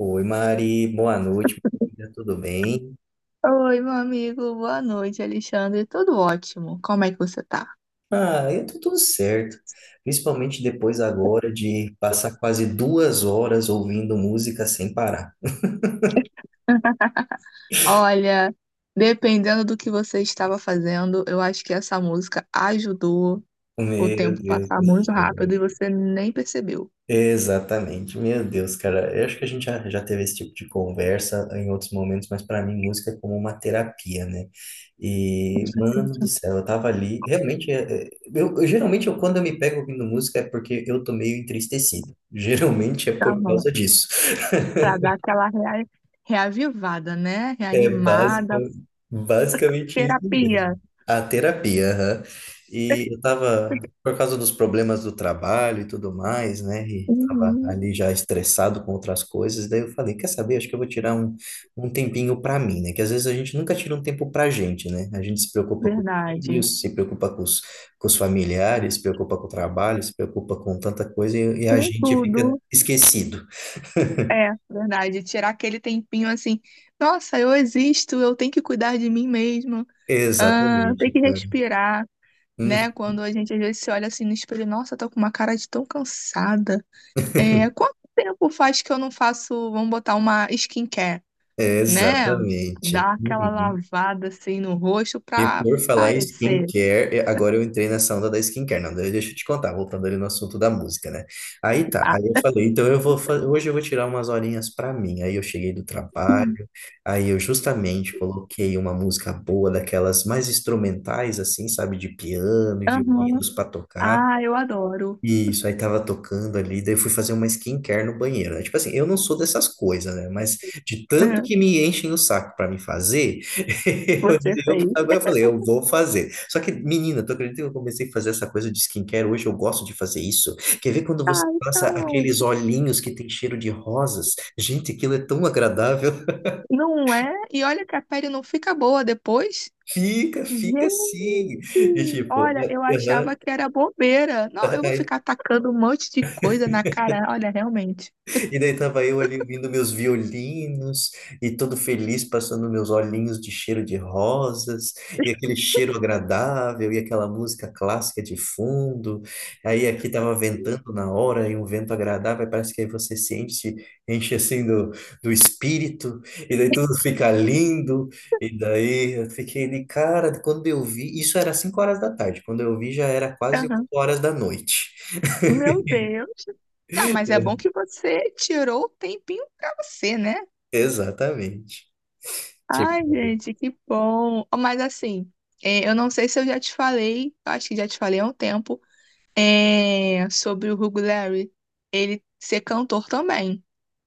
Oi, Mari, boa noite, amiga, tudo bem? Oi, meu amigo, boa noite, Alexandre. Tudo ótimo. Como é que você tá? Ah, eu tô tudo certo, principalmente depois agora de passar quase 2 horas ouvindo música sem parar. Olha, dependendo do que você estava fazendo, eu acho que essa música ajudou o Meu tempo Deus passar do muito rápido céu. e você nem percebeu. Exatamente, meu Deus, cara. Eu acho que a gente já teve esse tipo de conversa em outros momentos, mas para mim música é como uma terapia, né? E, mano do céu, eu tava ali. Realmente, geralmente eu, quando eu me pego ouvindo música é porque eu tô meio entristecido. Geralmente é Para dar por uma- causa disso. Pra dar aquela rea- reavivada, né? É Reanimada, basica- basicamente isso mesmo. terapia. A terapia, aham. E eu tava, por causa dos problemas do trabalho e tudo mais, né? E tava Uhum, ali já estressado com outras coisas, daí eu falei, quer saber? Acho que eu vou tirar um tempinho pra mim, né? Que às vezes a gente nunca tira um tempo pra gente, né? A gente se preocupa com os verdade. filhos, se preocupa com os familiares, se preocupa com o trabalho, se preocupa com tanta coisa e a Com gente fica tudo. esquecido. É, verdade. Tirar aquele tempinho assim, nossa, eu existo, eu tenho que cuidar de mim mesma. Ah, tem Exatamente, que cara. respirar, né? Quando a gente às vezes se olha assim no espelho, nossa, tô com uma cara de tão cansada. É, quanto tempo faz que eu não faço, vamos botar uma skincare, É, né? exatamente. Dar aquela Uhum. lavada assim no rosto E pra por falar em parecer. skincare, agora eu entrei nessa onda da skincare. Não, daí deixa eu te contar, voltando ali no assunto da música, né? Aí tá, Ah, aí eu falei, então hoje eu vou tirar umas horinhas pra mim. Aí eu cheguei do sim. trabalho, aí eu justamente coloquei uma música boa, daquelas mais instrumentais, assim, sabe, de piano e Aham. violinos pra tocar. Ah, eu adoro. Isso, aí tava tocando ali, daí eu fui fazer uma skincare no banheiro, né? Tipo assim, eu não sou dessas coisas, né? Mas de tanto É, que me enchem o saco pra me fazer, você fez. agora eu falei, eu vou fazer. Só que, menina, tu acredita que eu comecei a fazer essa coisa de skincare? Hoje eu gosto de fazer isso. Quer ver quando você Ah, passa então. aqueles olhinhos que tem cheiro de rosas? Gente, aquilo é tão agradável. Não é? E olha que a pele não fica boa depois. Fica, fica Gente, assim. E tipo, olha, é, eu achava aham. que era bobeira. Não, eu vou ficar tacando um monte de coisa na cara. Olha, realmente. E daí tava eu ali ouvindo meus violinos e todo feliz passando meus olhinhos de cheiro de rosas e aquele cheiro agradável e aquela música clássica de fundo. Aí aqui tava ventando na hora e um vento agradável, parece que aí você se enche, enche assim do espírito e daí tudo fica lindo. E daí eu fiquei de cara, quando eu vi, isso era 5 horas da tarde, quando eu vi já era quase oito Aham. horas da noite. Meu Deus. Não, mas é bom que você tirou o tempinho pra você, né? Exatamente. Ai, Tipo, gente, que bom. Mas assim, eu não sei se eu já te falei, acho que já te falei há um tempo, sobre o Hugo Larry. Ele ser cantor também.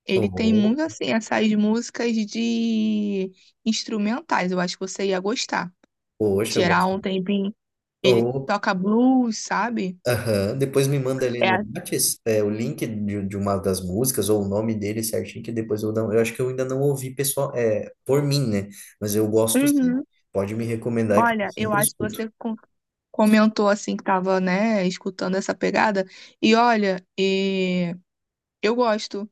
Ele tem um muito assim essas músicas de instrumentais. Eu acho que você ia gostar. poxa, eu Tirar gosto. um tempinho. Ele Ou, toca blues, sabe? aham, depois me manda ali É. no a- Whats, o link de uma das músicas ou o nome dele certinho, que depois eu não. Eu acho que eu ainda não ouvi pessoal, por mim, né? Mas eu gosto sim. Uhum. Pode me recomendar que eu Olha, eu sempre acho que escuto. Comentou assim que tava, né, escutando essa pegada. E olha, e eu gosto,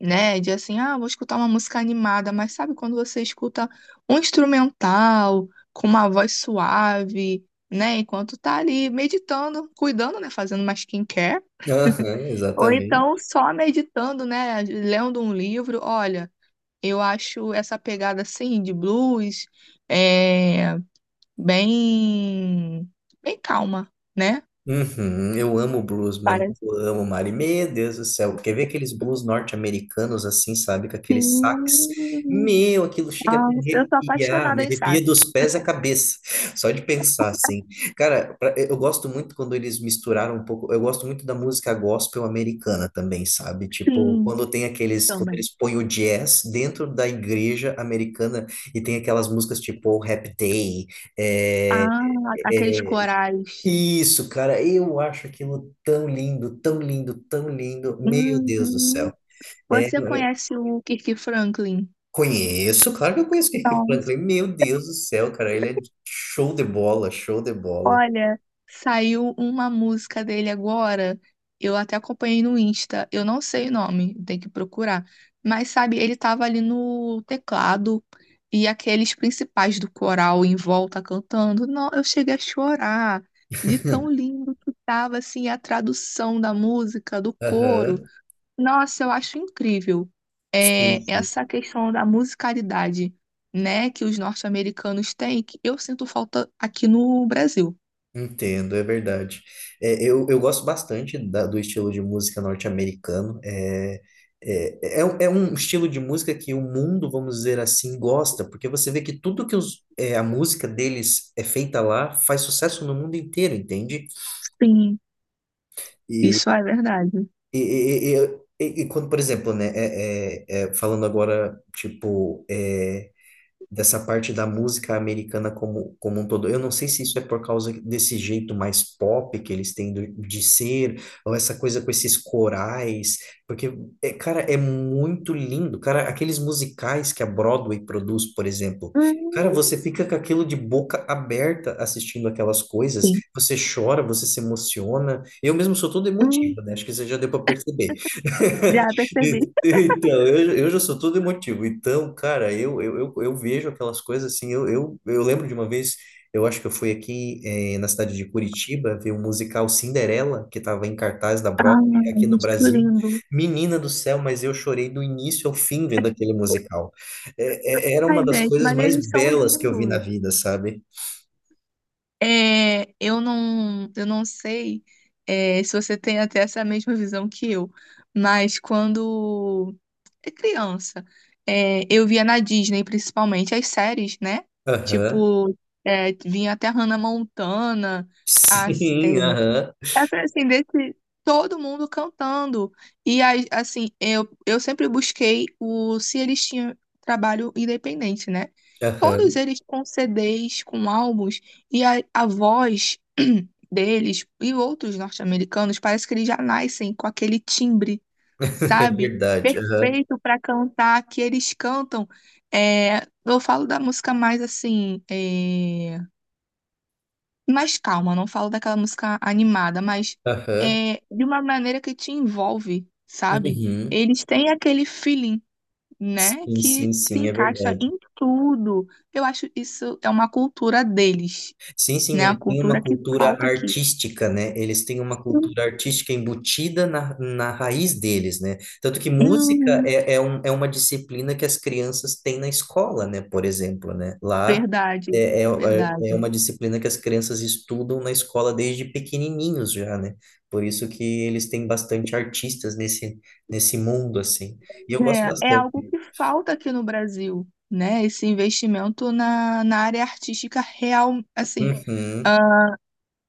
né, de assim, ah, vou escutar uma música animada, mas sabe quando você escuta um instrumental com uma voz suave, né, enquanto tá ali meditando, cuidando, né, fazendo uma skincare. Aham, Ou então exatamente. só meditando, né? Lendo um livro. Olha, eu acho essa pegada assim de blues é bem bem calma, né? Uhum, eu amo blues, mano. Parece Eu amo, Mari. Meu Deus do céu. Porque ver aqueles blues norte-americanos assim, sabe? Com aqueles sax. sim. Meu, aquilo chega a Ah, me eu sou arrepiar. Me apaixonada em sax. arrepia dos pés à cabeça. Só de pensar, assim. Cara, eu gosto muito quando eles misturaram um pouco. Eu gosto muito da música gospel americana também, sabe? Tipo, Sim, quando tem aqueles. quando também. eles põem o jazz dentro da igreja americana e tem aquelas músicas tipo Happy Day. Ah, aqueles É, corais. isso, cara, eu acho aquilo tão lindo, tão lindo, tão lindo. Meu Deus do céu. Uhum. É, Você é, conhece o Kirk Franklin? Conheço, claro que eu conheço o Kirk Franklin. Meu Deus do céu, cara, ele é show de bola, show de bola. Olha, saiu uma música dele agora. Eu até acompanhei no Insta. Eu não sei o nome, tem que procurar. Mas sabe, ele tava ali no teclado e aqueles principais do coral em volta cantando. Não, eu cheguei a chorar de tão lindo que tava assim a tradução da música, do coro. Aham. Nossa, eu acho incrível. Sim, É, sim. essa questão da musicalidade, né, que os norte-americanos têm, que eu sinto falta aqui no Brasil. Entendo, é verdade. É, eu gosto bastante do estilo de música norte-americano. É um estilo de música que o mundo, vamos dizer assim, gosta, porque você vê que tudo que a música deles é feita lá faz sucesso no mundo inteiro, entende? Sim, E, isso é verdade. e quando, por exemplo, né, falando agora, tipo, dessa parte da música americana como um todo. Eu não sei se isso é por causa desse jeito mais pop que eles têm de ser, ou essa coisa com esses corais, porque, cara, é muito lindo. Cara, aqueles musicais que a Broadway produz, por exemplo. Cara, Hum, você fica com aquilo de boca aberta assistindo aquelas coisas, sim. você chora, você se emociona. Eu mesmo sou todo Hum, emotivo, né? Acho que você já deu para perceber. já percebi. Então, eu já sou todo emotivo. Então, cara, eu vejo aquelas coisas assim. Eu lembro de uma vez, eu acho que eu fui aqui na cidade de Curitiba ver o musical Cinderela, que estava em cartaz da Broadway Ai, aqui no muito Brasil. lindo. Menina do céu, mas eu chorei do início ao fim vendo aquele musical. Era Ai, uma das gente, coisas mas mais eles são belas que eu vi na lindos. vida, sabe? É, eu não sei, se você tem até essa mesma visão que eu, mas quando é criança, eu via na Disney, principalmente, as séries, né? Aham. Tipo, vinha até Hannah Montana, as, é, Sim, aham. essa assim, desse, todo mundo cantando. E aí, assim, eu sempre busquei o se eles tinham trabalho independente, né? Todos Aham. eles com CDs, com álbuns, e a voz deles e outros norte-americanos, parece que eles já nascem com aquele timbre, É sabe? verdade. Aham. Perfeito para cantar, que eles cantam. É, eu falo da música mais assim. Mais calma, não falo daquela música animada, mas Aham. é de uma maneira que te envolve, sabe? Uhum. Eles têm aquele feeling, né, Sim, sim, que se sim, é encaixa verdade. em tudo. Eu acho isso é uma cultura deles, Sim, sim, né? A ele tem uma cultura que cultura falta aqui. artística, né? Eles têm uma Hum, cultura artística embutida na raiz deles, né? Tanto que música hum, é uma disciplina que as crianças têm na escola, né? Por exemplo, né? Lá verdade, é, é, é é verdade. uma disciplina que as crianças estudam na escola desde pequenininhos já, né? Por isso que eles têm bastante artistas nesse mundo, assim. E eu gosto É, é algo bastante. que falta aqui no Brasil, né? Esse investimento na área artística real, assim, Uhum.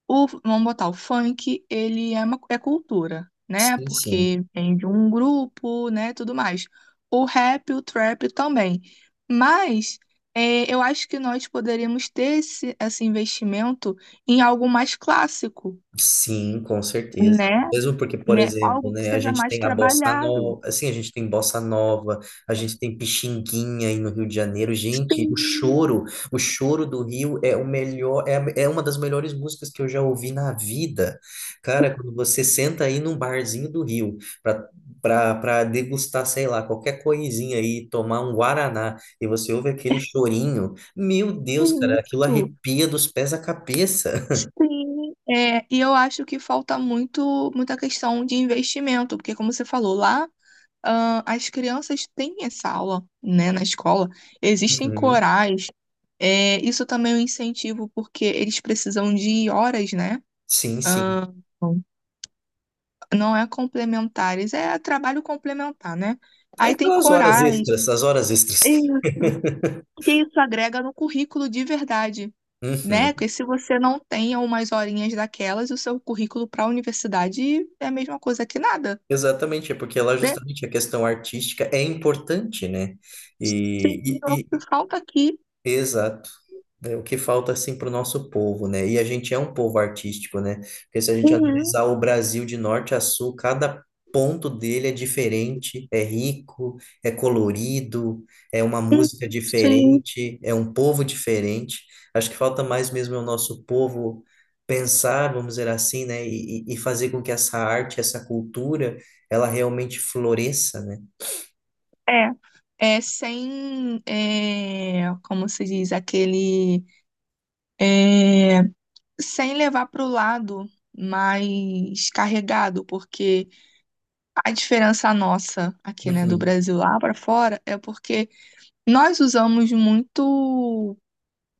o, vamos botar, o funk, ele é uma cultura, né? Sim, sim. Porque vem de um grupo, né? Tudo mais. O rap, o trap também. Mas eu acho que nós poderíamos ter esse investimento em algo mais clássico, Sim, com certeza. né? Mesmo porque, por Né? exemplo, Algo que né, a seja gente mais tem a bossa trabalhado. nova, assim, a gente tem bossa nova, a gente tem pichinguinha aí no Rio de Janeiro. Gente, o Sim, choro, o choro do Rio é o melhor, é uma das melhores músicas que eu já ouvi na vida. Cara, quando você senta aí num barzinho do Rio para degustar, sei lá, qualquer coisinha aí, tomar um guaraná e você ouve aquele chorinho, meu Deus, cara, aquilo isso. arrepia dos pés à cabeça. Sim. É, e eu acho que falta muito, muita questão de investimento, porque como você falou lá, ah, as crianças têm essa aula, né, na escola, existem Uhum. corais, isso também é um incentivo, porque eles precisam de horas, né? Sim, sim. Ah, não é complementares, é trabalho complementar, né? É Aí tem aquelas horas corais, extras, as horas extras. isso, que isso agrega no currículo de verdade, né? Uhum. Porque se você não tem umas horinhas daquelas, o seu currículo para a universidade é a mesma coisa que nada, Exatamente, é porque lá né? justamente a questão artística é importante, né? Sim, E, e- o que e- falta aqui. exato. É o que falta assim para o nosso povo, né? E a gente é um povo artístico, né? Porque se a gente Uhum, analisar o Brasil de norte a sul, cada ponto dele é diferente, é rico, é colorido, é uma uhum, música sim. diferente, é um povo diferente. Acho que falta mais mesmo é o nosso povo pensar, vamos dizer assim, né? E fazer com que essa arte, essa cultura, ela realmente floresça, né? É, é sem, é, como se diz, é, sem levar para o lado mais carregado, porque a diferença nossa aqui, né, do Uhum. Brasil lá para fora é porque nós usamos muito,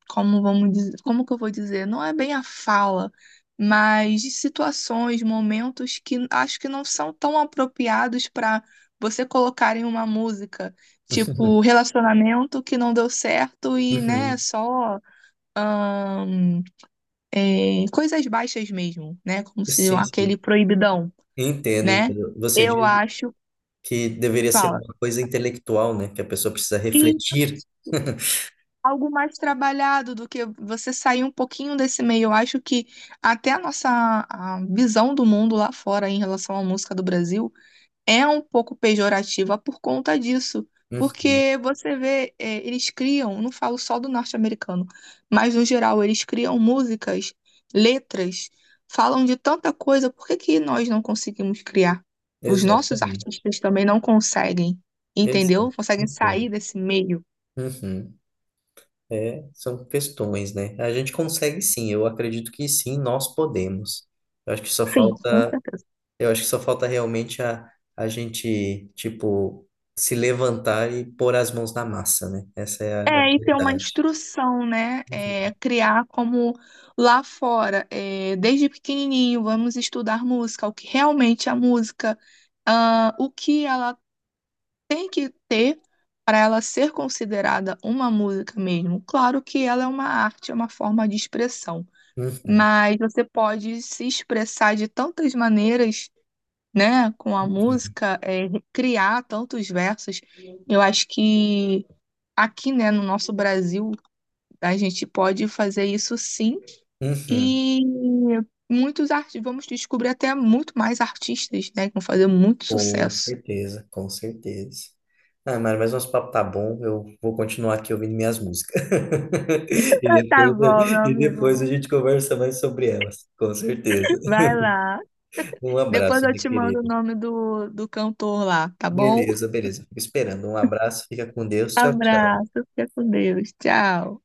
como vamos dizer, como que eu vou dizer? Não é bem a fala, mas de situações, momentos que acho que não são tão apropriados para você colocar em uma música, tipo relacionamento que não deu certo e, né, Uhum. só ahn, coisas baixas mesmo, né? Como se Sim, sim. aquele proibidão, Entendo, né? entendo. Você Eu diz acho, que deveria ser fala, uma coisa intelectual, né? Que a pessoa precisa refletir. algo mais trabalhado do que você sair um pouquinho desse meio. Eu acho que até a nossa a visão do mundo lá fora em relação à música do Brasil é um pouco pejorativa por conta disso. Uhum, Porque você vê, eles criam, não falo só do norte-americano, mas no geral, eles criam músicas, letras, falam de tanta coisa, por que que nós não conseguimos criar? Os nossos exatamente. artistas também não conseguem, Exato. entendeu? Conseguem Entendo. sair desse meio. Uhum. É, são questões, né? A gente consegue sim, eu acredito que sim, nós podemos. Eu acho que só Sim, com falta, certeza. eu acho que só falta realmente a gente, tipo, se levantar e pôr as mãos na massa, né? Essa é a É, e ter uma verdade. instrução, né? É, Uhum. criar como lá fora, desde pequenininho, vamos estudar música, o que realmente é a música, ah, o que ela tem que ter para ela ser considerada uma música mesmo. Claro que ela é uma arte, é uma forma de expressão, Uhum. mas você pode se expressar de tantas maneiras, né? Com a música, criar tantos versos. Eu acho que aqui, né, no nosso Brasil a gente pode fazer isso sim. Uhum. E muitos artistas, vamos descobrir até muito mais artistas, né, que vão fazer muito Com sucesso. certeza, com certeza. Ah, Mário, mas nosso papo tá bom. Eu vou continuar aqui ouvindo minhas músicas. E Tá depois, bom, meu e amigo. depois a gente conversa mais sobre elas, com certeza. Vai lá. Um Depois abraço, eu meu te mando o querido. nome do cantor lá, tá bom? Beleza, beleza. Fico esperando. Um abraço, fica com Deus. Tchau, tchau. Abraço. Fica com Deus. Tchau.